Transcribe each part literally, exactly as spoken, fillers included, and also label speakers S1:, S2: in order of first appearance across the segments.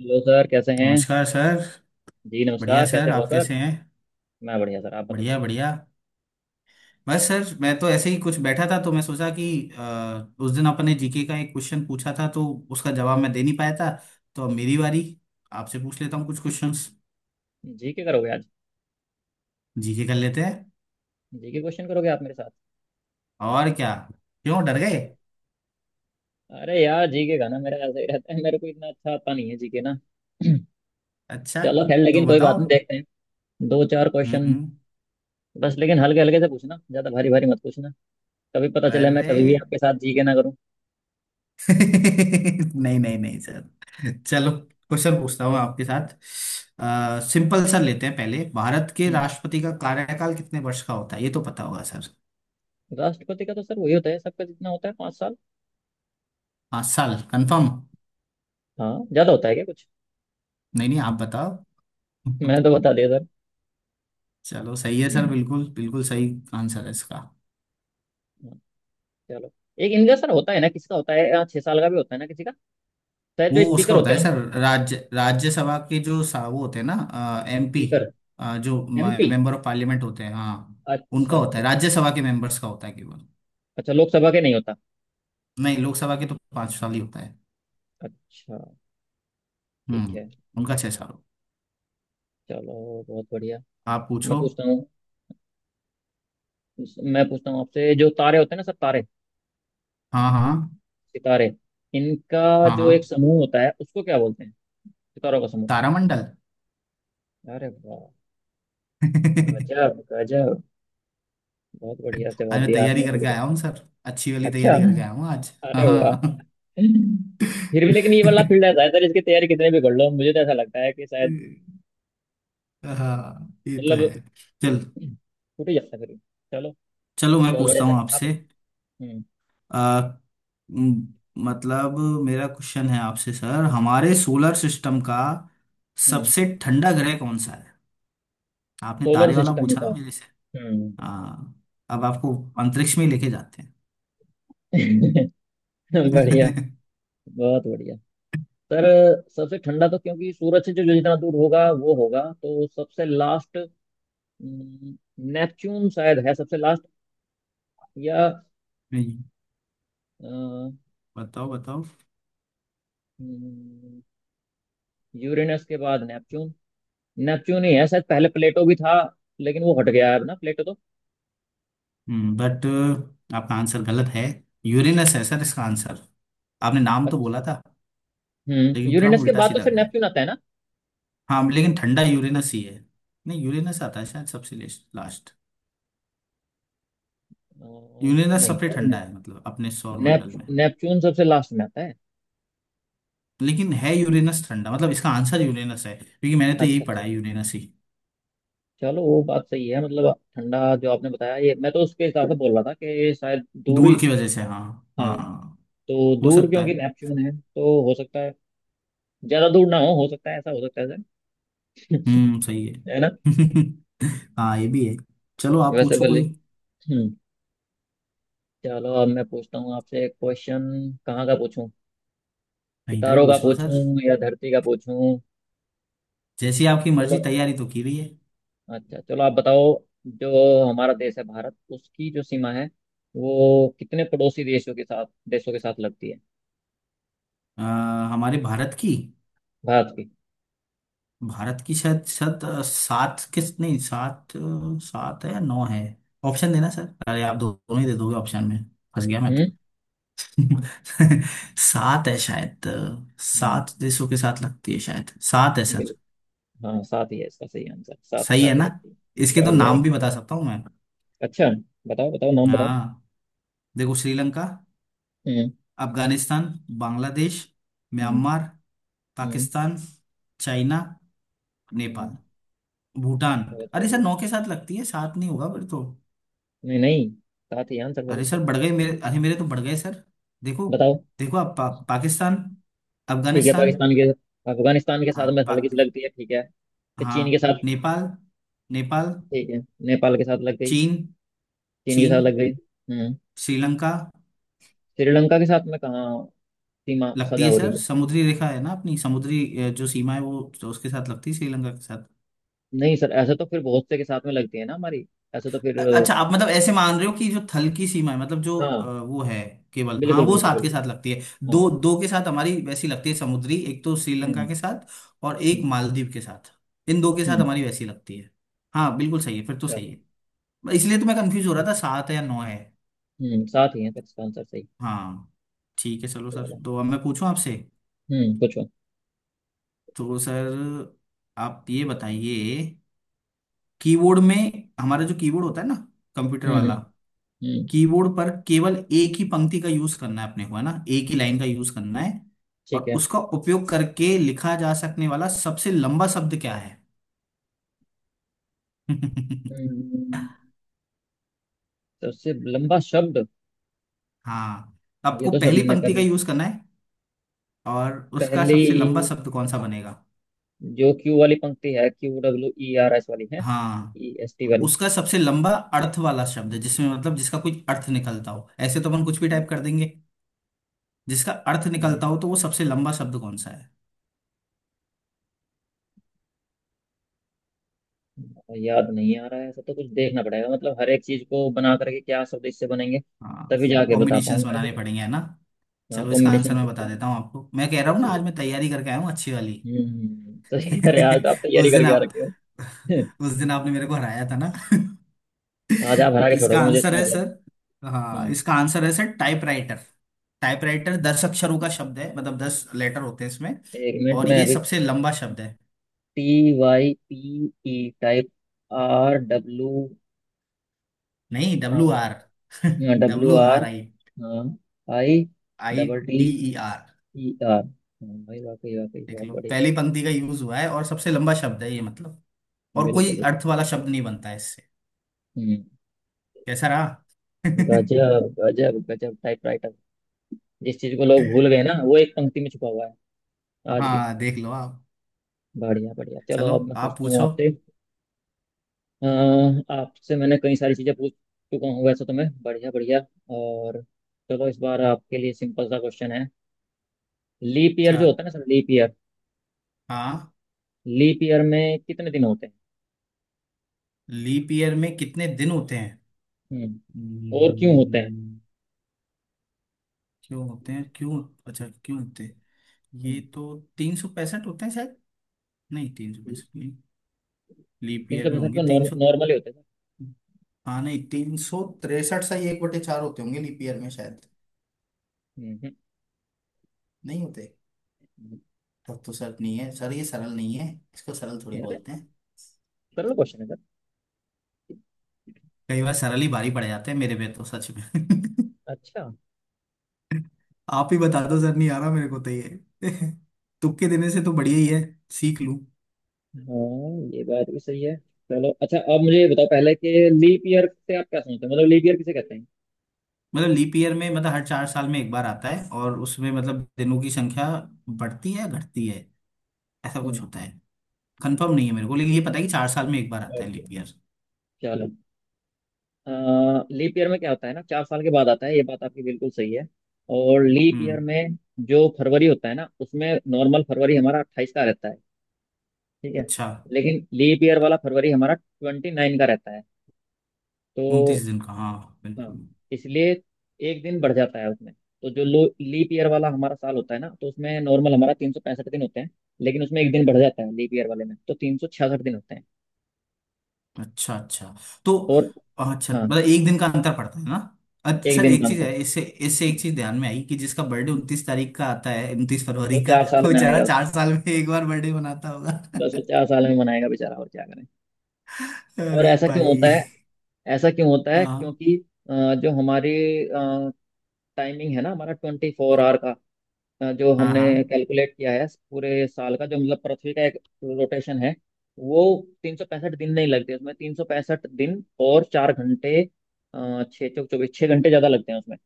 S1: Hello sir, कैसे हैं?
S2: नमस्कार सर।
S1: जी
S2: बढ़िया
S1: नमस्कार, कैसे
S2: सर
S1: हो
S2: आप
S1: सर?
S2: कैसे हैं?
S1: मैं बढ़िया सर, आप बताइए।
S2: बढ़िया बढ़िया। बस सर मैं तो ऐसे ही कुछ बैठा था तो मैं सोचा कि अ, उस दिन आपने जी के का एक क्वेश्चन पूछा था तो उसका जवाब
S1: हम्म।
S2: मैं दे नहीं पाया था। तो अब मेरी बारी आपसे पूछ लेता हूँ कुछ क्वेश्चंस।
S1: जी के करोगे आज?
S2: जी के कर लेते हैं।
S1: जी के क्वेश्चन करोगे आप मेरे साथ?
S2: और क्या। क्यों डर गए?
S1: अच्छा। अरे यार, जी के का ना मेरा ऐसे ही रहता है, मेरे को इतना अच्छा आता नहीं है जी के ना।
S2: अच्छा।
S1: चलो खैर,
S2: तो
S1: लेकिन कोई बात
S2: बताओ।
S1: नहीं, देखते हैं। दो चार
S2: हम्म
S1: क्वेश्चन।
S2: हम्म।
S1: बस लेकिन हल्के हल्के से पूछना, ज्यादा भारी भारी मत पूछना। कभी पता चले मैं
S2: अरे
S1: कभी भी आपके साथ जी के ना करूँ।
S2: नहीं नहीं नहीं। चलो क्वेश्चन पूछता हूँ
S1: हम्म
S2: आपके साथ। आ, सिंपल सा लेते हैं पहले। भारत के
S1: हम्म।
S2: राष्ट्रपति का कार्यकाल कितने वर्ष का होता है? ये तो पता होगा सर।
S1: राष्ट्रपति का तो सर वही होता है सबका, जितना होता है, पाँच साल।
S2: पाँच साल कंफर्म?
S1: हाँ, ज्यादा होता है क्या कुछ?
S2: नहीं नहीं आप बताओ।
S1: मैं तो बता दिया
S2: चलो सही है सर।
S1: सर।
S2: बिल्कुल बिल्कुल सही आंसर है इसका।
S1: चलो। एक इनका सर होता है ना, किसका होता है, यहाँ छह साल का भी होता है ना किसी का। शायद
S2: वो
S1: जो
S2: उसका
S1: स्पीकर
S2: होता
S1: होते
S2: है
S1: हैं।
S2: सर राज्य राज्यसभा के जो सा- वो होते हैं ना। M P.
S1: स्पीकर।
S2: जो
S1: M P.
S2: Member of parliament होते हैं। हाँ।
S1: अच्छा
S2: उनका होता
S1: अच्छा
S2: है।
S1: अच्छा।
S2: राज्यसभा के मेंबर्स का होता है केवल।
S1: अच्छा, लोकसभा के नहीं होता?
S2: नहीं। लोकसभा के तो पाँच साल ही होता है।
S1: अच्छा। ठीक है।
S2: हम्म उनका छह साल हो।
S1: चलो बहुत बढ़िया।
S2: आप
S1: मैं
S2: पूछो।
S1: पूछता हूँ। मैं पूछता हूँ आपसे, जो तारे होते हैं ना सर, तारे,
S2: हाँ हाँ।
S1: सितारे, इनका
S2: हाँ
S1: जो एक
S2: हाँ।
S1: समूह होता है उसको क्या बोलते हैं? सितारों का समूह?
S2: तारामंडल।
S1: अरे वाह! गजब गजब। बहुत बढ़िया
S2: आज
S1: जवाब
S2: मैं
S1: दिया आपने,
S2: तैयारी करके
S1: बिल्कुल।
S2: आया हूँ सर। अच्छी वाली
S1: अच्छा,
S2: तैयारी करके आया हूँ आज।
S1: अरे वाह।
S2: हाँ।
S1: फिर भी लेकिन ये वाला फील्ड ऐसा है सर, इसकी तैयारी कितने भी कर लो मुझे तो ऐसा लगता है कि शायद
S2: हाँ ये तो
S1: मतलब
S2: है। चल।
S1: छूट ही जाता है फिर। चलो
S2: चलो मैं
S1: बहुत
S2: पूछता
S1: बढ़िया
S2: हूँ
S1: सर, आप
S2: आपसे।
S1: बताओ। हम्म
S2: आ, म, मतलब मेरा क्वेश्चन है आपसे सर। हमारे सोलर सिस्टम का
S1: हम्म।
S2: सबसे ठंडा ग्रह कौन सा है? आपने
S1: सोलर
S2: तारे वाला
S1: सिस्टम
S2: पूछा
S1: का।
S2: ना मेरे से।
S1: हम्म।
S2: हाँ। अब आपको अंतरिक्ष में लेके जाते हैं।
S1: बढ़िया। बहुत बढ़िया सर। सबसे ठंडा, तो क्योंकि सूरज से जो जो जितना दूर होगा वो होगा तो सबसे लास्ट। नेपच्यून शायद है सबसे लास्ट, या
S2: नहीं। बताओ बताओ।
S1: यूरेनस के बाद नेपच्यून। नेपच्यून ही है शायद, पहले प्लेटो भी था लेकिन वो हट गया है अब ना प्लेटो तो।
S2: बट आपका आंसर गलत है। यूरेनस है
S1: अच्छा
S2: सर इसका आंसर। आपने नाम तो
S1: अच्छा।
S2: बोला था
S1: हम्म
S2: लेकिन क्रम
S1: यूरेनस के
S2: उल्टा
S1: बाद तो
S2: सीधा
S1: फिर
S2: कर।
S1: नेपच्यून आता है ना?
S2: हाँ लेकिन ठंडा यूरेनस ही है। नहीं। यूरेनस आता है शायद सबसे लास्ट।
S1: अ,
S2: यूरेनस
S1: नहीं
S2: सबसे
S1: सर, ने,
S2: ठंडा है मतलब अपने सौर
S1: नेप,
S2: मंडल में।
S1: नेपच्यून सबसे लास्ट में आता है।
S2: लेकिन है यूरेनस ठंडा। मतलब इसका आंसर यूरेनस है क्योंकि मैंने तो यही
S1: अच्छा
S2: पढ़ा
S1: अच्छा।
S2: है यूरेनस ही।
S1: चलो, वो बात सही है, मतलब ठंडा जो आपने बताया ये मैं तो उसके हिसाब से बोल रहा था कि शायद दूरी।
S2: दूर की वजह से हाँ।
S1: हाँ।
S2: हाँ।
S1: तो
S2: हो
S1: दूर
S2: सकता
S1: क्योंकि
S2: है।
S1: नेपच्यून है तो हो सकता है, ज्यादा दूर ना हो हो सकता है, ऐसा हो सकता है सर,
S2: हम्म सही है।
S1: है ना,
S2: हाँ ये भी है। चलो आप
S1: वैसे
S2: पूछो
S1: भले।
S2: कोई।
S1: हम्म। चलो, अब मैं पूछता हूँ आपसे एक क्वेश्चन। कहाँ का पूछूं?
S2: कहीं का ही
S1: सितारों का
S2: पूछ लो सर।
S1: पूछूं या धरती का पूछूं?
S2: जैसी आपकी
S1: चलो
S2: मर्जी। तैयारी तो की रही है।
S1: अच्छा, चलो आप बताओ। जो हमारा देश है भारत, उसकी जो सीमा है वो कितने पड़ोसी देशों के साथ देशों के साथ लगती है?
S2: अ, हमारे भारत की।
S1: भारत की।
S2: भारत की शायद शायद अ, सात। किस नहीं सात अ, सात है या नौ है? ऑप्शन देना सर। अरे आप दो- दोनों ही दे दोगे ऑप्शन में। फंस गया मैं तो।
S1: हम्म
S2: सात है शायद। अ,
S1: हम्म,
S2: सात देशों के साथ लगती है। शायद सात है सर।
S1: बिल्कुल। हाँ, सात ही है इसका सही आंसर, सात के
S2: सही है
S1: साथ ही
S2: ना?
S1: लगती है।
S2: इसके तो
S1: बढ़िया है।
S2: नाम भी बता सकता हूँ मैं।
S1: अच्छा, बताओ बताओ, नाम बताओ।
S2: हाँ। देखो श्रीलंका।
S1: हम्म।
S2: अफगानिस्तान। बांग्लादेश।
S1: हम्म।
S2: म्यांमार।
S1: हम्म।
S2: पाकिस्तान। चाइना।
S1: हम्म।
S2: नेपाल। भूटान।
S1: बहुत
S2: अरे सर
S1: बढ़िया।
S2: नौ के साथ लगती है। सात नहीं होगा फिर तो।
S1: नहीं नहीं, साथ ही आंसर सर
S2: अरे
S1: इसका।
S2: सर बढ़ गए मेरे। अरे मेरे तो बढ़ गए सर। देखो।
S1: बताओ।
S2: देखो आप। पा, पाकिस्तान।
S1: ठीक है,
S2: अफगानिस्तान।
S1: पाकिस्तान के, अफगानिस्तान के
S2: हाँ
S1: साथ में हल्की
S2: पाक।
S1: सी लगती है, ठीक है। फिर
S2: हाँ
S1: चीन के साथ।
S2: नेपाल। नेपाल।
S1: ठीक है, नेपाल के साथ लग गई।
S2: चीन।
S1: चीन के साथ
S2: चीन।
S1: लग गई। हम्म।
S2: श्रीलंका।
S1: श्रीलंका के साथ में कहाँ? सीमा
S2: लगती
S1: सजा
S2: है
S1: हो रही
S2: सर।
S1: है?
S2: समुद्री रेखा है ना। अपनी समुद्री अ, जो सीमा है वो तो उसके साथ लगती है। श्रीलंका के साथ।
S1: नहीं सर, ऐसा तो फिर बहुत से के साथ में लगती है ना हमारी, ऐसा तो फिर अ,
S2: अच्छा आप मतलब ऐसे मान रहे हो कि जो थल की सीमा है मतलब जो
S1: हाँ।
S2: अ, वो है केवल। हाँ
S1: बिल्कुल
S2: वो
S1: बिल्कुल
S2: साथ के
S1: बिल्कुल।
S2: साथ लगती है।
S1: हाँ।
S2: दो दो के साथ हमारी वैसी लगती है समुद्री। एक तो श्रीलंका
S1: हम्म
S2: के साथ। और एक
S1: हम्म
S2: मालदीव के साथ। इन दो के साथ
S1: हम्म।
S2: हमारी वैसी लगती है। हाँ बिल्कुल सही है फिर तो। सही
S1: चलो
S2: है इसलिए तो मैं कंफ्यूज हो रहा
S1: ठीक
S2: था सात है या नौ है।
S1: है। हम्म साथ ही है सर इसका आंसर सही।
S2: हाँ। ठीक है चलो सर
S1: चलो।
S2: तो अब मैं पूछूं आपसे।
S1: हम्म, पूछो।
S2: तो सर आप ये बताइए। कीबोर्ड में हमारा जो कीबोर्ड होता है ना कंप्यूटर
S1: हम्म
S2: वाला।
S1: हम्म हम्म।
S2: कीबोर्ड पर केवल एक ही पंक्ति का यूज करना है अपने को है ना। एक ही लाइन का यूज करना है।
S1: ठीक
S2: और
S1: है।
S2: उसका उपयोग करके लिखा जा सकने वाला सबसे लंबा शब्द क्या है?
S1: हम्म, सबसे लंबा शब्द,
S2: हाँ।
S1: ये
S2: आपको
S1: तो सर
S2: पहली
S1: मैंने
S2: पंक्ति का
S1: कभी।
S2: यूज करना है। और उसका सबसे लंबा
S1: पहली।
S2: शब्द कौन सा बनेगा?
S1: जो क्यू वाली पंक्ति है, Q W E R S वाली है।
S2: हाँ।
S1: ई एस टी
S2: उसका सबसे लंबा अर्थ वाला शब्द जिसमें मतलब जिसका कोई अर्थ निकलता हो। ऐसे तो अपन कुछ भी
S1: वाली।
S2: टाइप कर देंगे। जिसका अर्थ निकलता हो तो वो सबसे लंबा शब्द कौन सा है?
S1: याद नहीं आ रहा है, ऐसा तो कुछ देखना पड़ेगा मतलब हर एक चीज को बना करके, क्या स्वदेश से बनेंगे
S2: हाँ।
S1: तभी जाके बता
S2: कॉम्बिनेशंस
S1: पाऊंगा ऐसे
S2: बनाने
S1: तो।
S2: पड़ेंगे है ना।
S1: क्या
S2: चलो इसका आंसर
S1: कॉम्बिनेशन
S2: मैं बता
S1: क्या?
S2: देता हूँ आपको। मैं कह रहा
S1: ये
S2: हूँ ना आज
S1: चीज।
S2: मैं तैयारी करके आया हूँ अच्छी वाली।
S1: हम्म सही कह रहे हैं आज तो, आप
S2: उस
S1: तैयारी
S2: दिन
S1: करके आ
S2: आप।
S1: रखे हो।
S2: उस दिन आपने मेरे को हराया था ना।
S1: आज आप हरा के
S2: इसका
S1: छोड़ोगे मुझे,
S2: आंसर
S1: इसका
S2: है
S1: मतलब।
S2: सर। हाँ
S1: हम्म।
S2: इसका आंसर है सर टाइपराइटर। टाइपराइटर दस अक्षरों का शब्द है मतलब दस लेटर होते हैं इसमें।
S1: एक मिनट
S2: और
S1: में
S2: ये
S1: अभी।
S2: सबसे लंबा शब्द है।
S1: T Y P E, type. R W.
S2: नहीं W R.
S1: W
S2: W
S1: R,
S2: R I
S1: हाँ, I,
S2: I.
S1: Double T,
S2: T. E R.
S1: E R. हाँ भाई, वाकई वाकई
S2: देख
S1: बहुत
S2: लो
S1: बढ़िया।
S2: पहली पंक्ति का यूज हुआ है और सबसे लंबा शब्द
S1: हम्म,
S2: है ये मतलब। और
S1: बिल्कुल
S2: कोई
S1: बिल्कुल।
S2: अर्थ वाला शब्द नहीं बनता है इससे।
S1: हम्म,
S2: कैसा रहा?
S1: गजब गजब गजब, टाइपराइटर। जिस चीज को लोग भूल गए ना, वो एक पंक्ति में छुपा हुआ है आज भी।
S2: हाँ देख लो आप।
S1: बढ़िया बढ़िया, चलो
S2: चलो
S1: अब मैं
S2: आप
S1: पूछता हूँ
S2: पूछो।
S1: आपसे। अ, आपसे मैंने कई सारी चीजें पूछ चुका हूँ वैसे तो मैं, बढ़िया बढ़िया, और चलो इस बार आपके लिए सिंपल सा क्वेश्चन है। लीप ईयर
S2: अच्छा।
S1: जो होता है ना सर, लीप ईयर,
S2: हाँ।
S1: लीप ईयर में कितने दिन होते हैं?
S2: लीप ईयर में कितने दिन होते हैं?
S1: हम्म, और क्यों होते हैं?
S2: हम्म। क्यों होते हैं क्यों? अच्छा क्यों होते हैं? ये
S1: हम्म।
S2: तो तीन सौ पैंसठ होते हैं शायद। नहीं तीन सौ पैंसठ नहीं। लीप
S1: तीन सौ
S2: ईयर में
S1: पैंसठ
S2: होंगे
S1: तो
S2: तीन सौ।
S1: नॉर्मली होते हैं सर।
S2: हाँ नहीं तीन सौ तिरसठ सही एक बटे चार होते होंगे लीप ईयर में शायद।
S1: हम्म हम्म,
S2: नहीं होते।
S1: हम्म।
S2: तब तो सर नहीं है सर ये सरल नहीं है। इसको सरल थोड़ी
S1: यार,
S2: बोलते हैं।
S1: कर लो, क्वेश्चन है सर।
S2: कई बार सरल ही भारी पड़ जाते हैं मेरे पे तो सच में।
S1: अच्छा,
S2: आप ही बता दो सर नहीं आ रहा मेरे को तो ये। तुक्के देने से तो बढ़िया ही है। सीख लूं।
S1: हाँ ये बात भी सही है। चलो अच्छा, अब मुझे ये बताओ पहले कि लीप ईयर से आप क्या समझते हो, मतलब लीप ईयर किसे कहते हैं?
S2: मतलब लीप ईयर में मतलब हर चार साल में एक बार आता है और उसमें मतलब दिनों की संख्या बढ़ती है घटती है ऐसा कुछ
S1: हम्म।
S2: होता है। कंफर्म नहीं है मेरे को लेकिन ये पता है कि चार साल में एक बार आता है
S1: ओके,
S2: लीप ईयर।
S1: चलो, लीप ईयर में क्या होता है ना, चार साल के बाद आता है, ये बात आपकी बिल्कुल सही है। और लीप ईयर
S2: हम्म।
S1: में जो फरवरी होता है ना उसमें, नॉर्मल फरवरी हमारा अट्ठाईस का रहता है, ठीक है।
S2: अच्छा।
S1: लेकिन लीप ईयर वाला फरवरी हमारा ट्वेंटी नाइन का रहता है तो।
S2: उनतीस दिन का हाँ।
S1: हाँ,
S2: बिल्कुल।
S1: इसलिए एक दिन बढ़ जाता है उसमें, तो जो लो लीप ईयर वाला हमारा साल होता है ना, तो उसमें नॉर्मल हमारा तीन सौ पैंसठ दिन होते हैं। लेकिन उसमें एक दिन बढ़ जाता है लीप ईयर वाले में, तो तीन सौ छियासठ दिन होते हैं।
S2: अच्छा अच्छा। तो।
S1: और,
S2: अच्छा
S1: हाँ,
S2: मतलब एक दिन का अंतर पड़ता है ना। अ-
S1: एक
S2: सर
S1: दिन का
S2: एक चीज
S1: अंतर।
S2: है इससे। इससे एक
S1: हम्म,
S2: चीज ध्यान में आई कि जिसका बर्थडे
S1: हम्म।
S2: उनतीस तारीख का आता है उनतीस
S1: तो
S2: फरवरी का।
S1: चार साल
S2: वो
S1: में
S2: बेचारा
S1: आएगा उसको,
S2: चार साल में एक बार बर्थडे मनाता होगा।
S1: बस वो चार साल में मनाएगा बेचारा, और क्या करें। और
S2: अरे
S1: ऐसा क्यों होता
S2: भाई।
S1: है? ऐसा क्यों होता है
S2: हाँ
S1: क्योंकि अ, जो हमारी टाइमिंग है ना, हमारा ट्वेंटी फोर आवर का, अ, जो
S2: हाँ
S1: हमने
S2: हाँ।
S1: कैलकुलेट किया है पूरे साल का, जो मतलब पृथ्वी का एक रोटेशन है वो, तीन सौ पैंसठ दिन नहीं लगते उसमें, तीन सौ पैंसठ दिन और चार घंटे, अ, छः चौक चौबीस, छः घंटे ज़्यादा लगते हैं उसमें।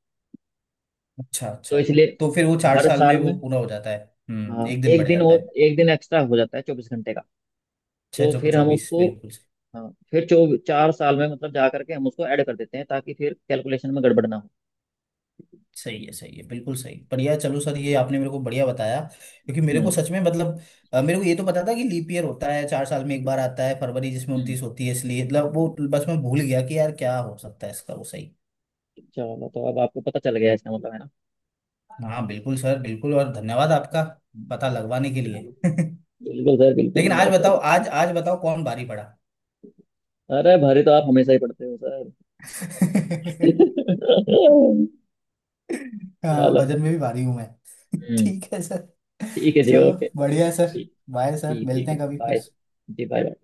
S2: अच्छा
S1: तो
S2: अच्छा।
S1: इसलिए
S2: तो फिर वो चार
S1: हर
S2: साल में
S1: साल
S2: वो
S1: में,
S2: पूरा हो जाता है। हम्म
S1: हाँ,
S2: एक दिन
S1: एक
S2: बढ़
S1: दिन
S2: जाता
S1: और,
S2: है।
S1: एक दिन एक्स्ट्रा हो जाता है चौबीस घंटे का।
S2: छह
S1: तो
S2: चौको
S1: फिर हम
S2: चौबीस
S1: उसको,
S2: बिल्कुल।
S1: हाँ, फिर चौ चार साल में मतलब जा करके हम उसको ऐड कर देते हैं, ताकि फिर कैलकुलेशन में गड़बड़ ना हो।
S2: सही है सही है बिल्कुल सही बढ़िया चलो सर ये आपने मेरे को बढ़िया बताया। क्योंकि मेरे को
S1: हम्म
S2: सच में मतलब अ, मेरे को ये तो पता था कि लीप ईयर होता है चार साल में एक बार आता है फरवरी जिसमें
S1: हम्म।
S2: उनतीस होती है इसलिए मतलब वो बस मैं भूल गया कि यार क्या हो सकता है इसका वो सही।
S1: चलो, तो अब आपको पता चल गया इसका मतलब, है ना?
S2: हाँ बिल्कुल सर बिल्कुल और धन्यवाद आपका
S1: हम्म।
S2: पता लगवाने के
S1: चलो
S2: लिए।
S1: बिल्कुल सर बिल्कुल,
S2: लेकिन आज
S1: नो
S2: बताओ
S1: प्रॉब्लम।
S2: आज आज बताओ कौन भारी पड़ा।
S1: अरे, भारी तो आप हमेशा ही पढ़ते हो सर।
S2: हाँ
S1: चलो।
S2: वजन में भी भारी हूं मैं।
S1: हम्म,
S2: ठीक है सर।
S1: ठीक है जी,
S2: चलो
S1: ओके।
S2: बढ़िया है सर।
S1: ठीक,
S2: बाय सर
S1: ठीक
S2: मिलते
S1: ठीक है,
S2: हैं कभी
S1: बाय।
S2: फिर।
S1: जी, बाय।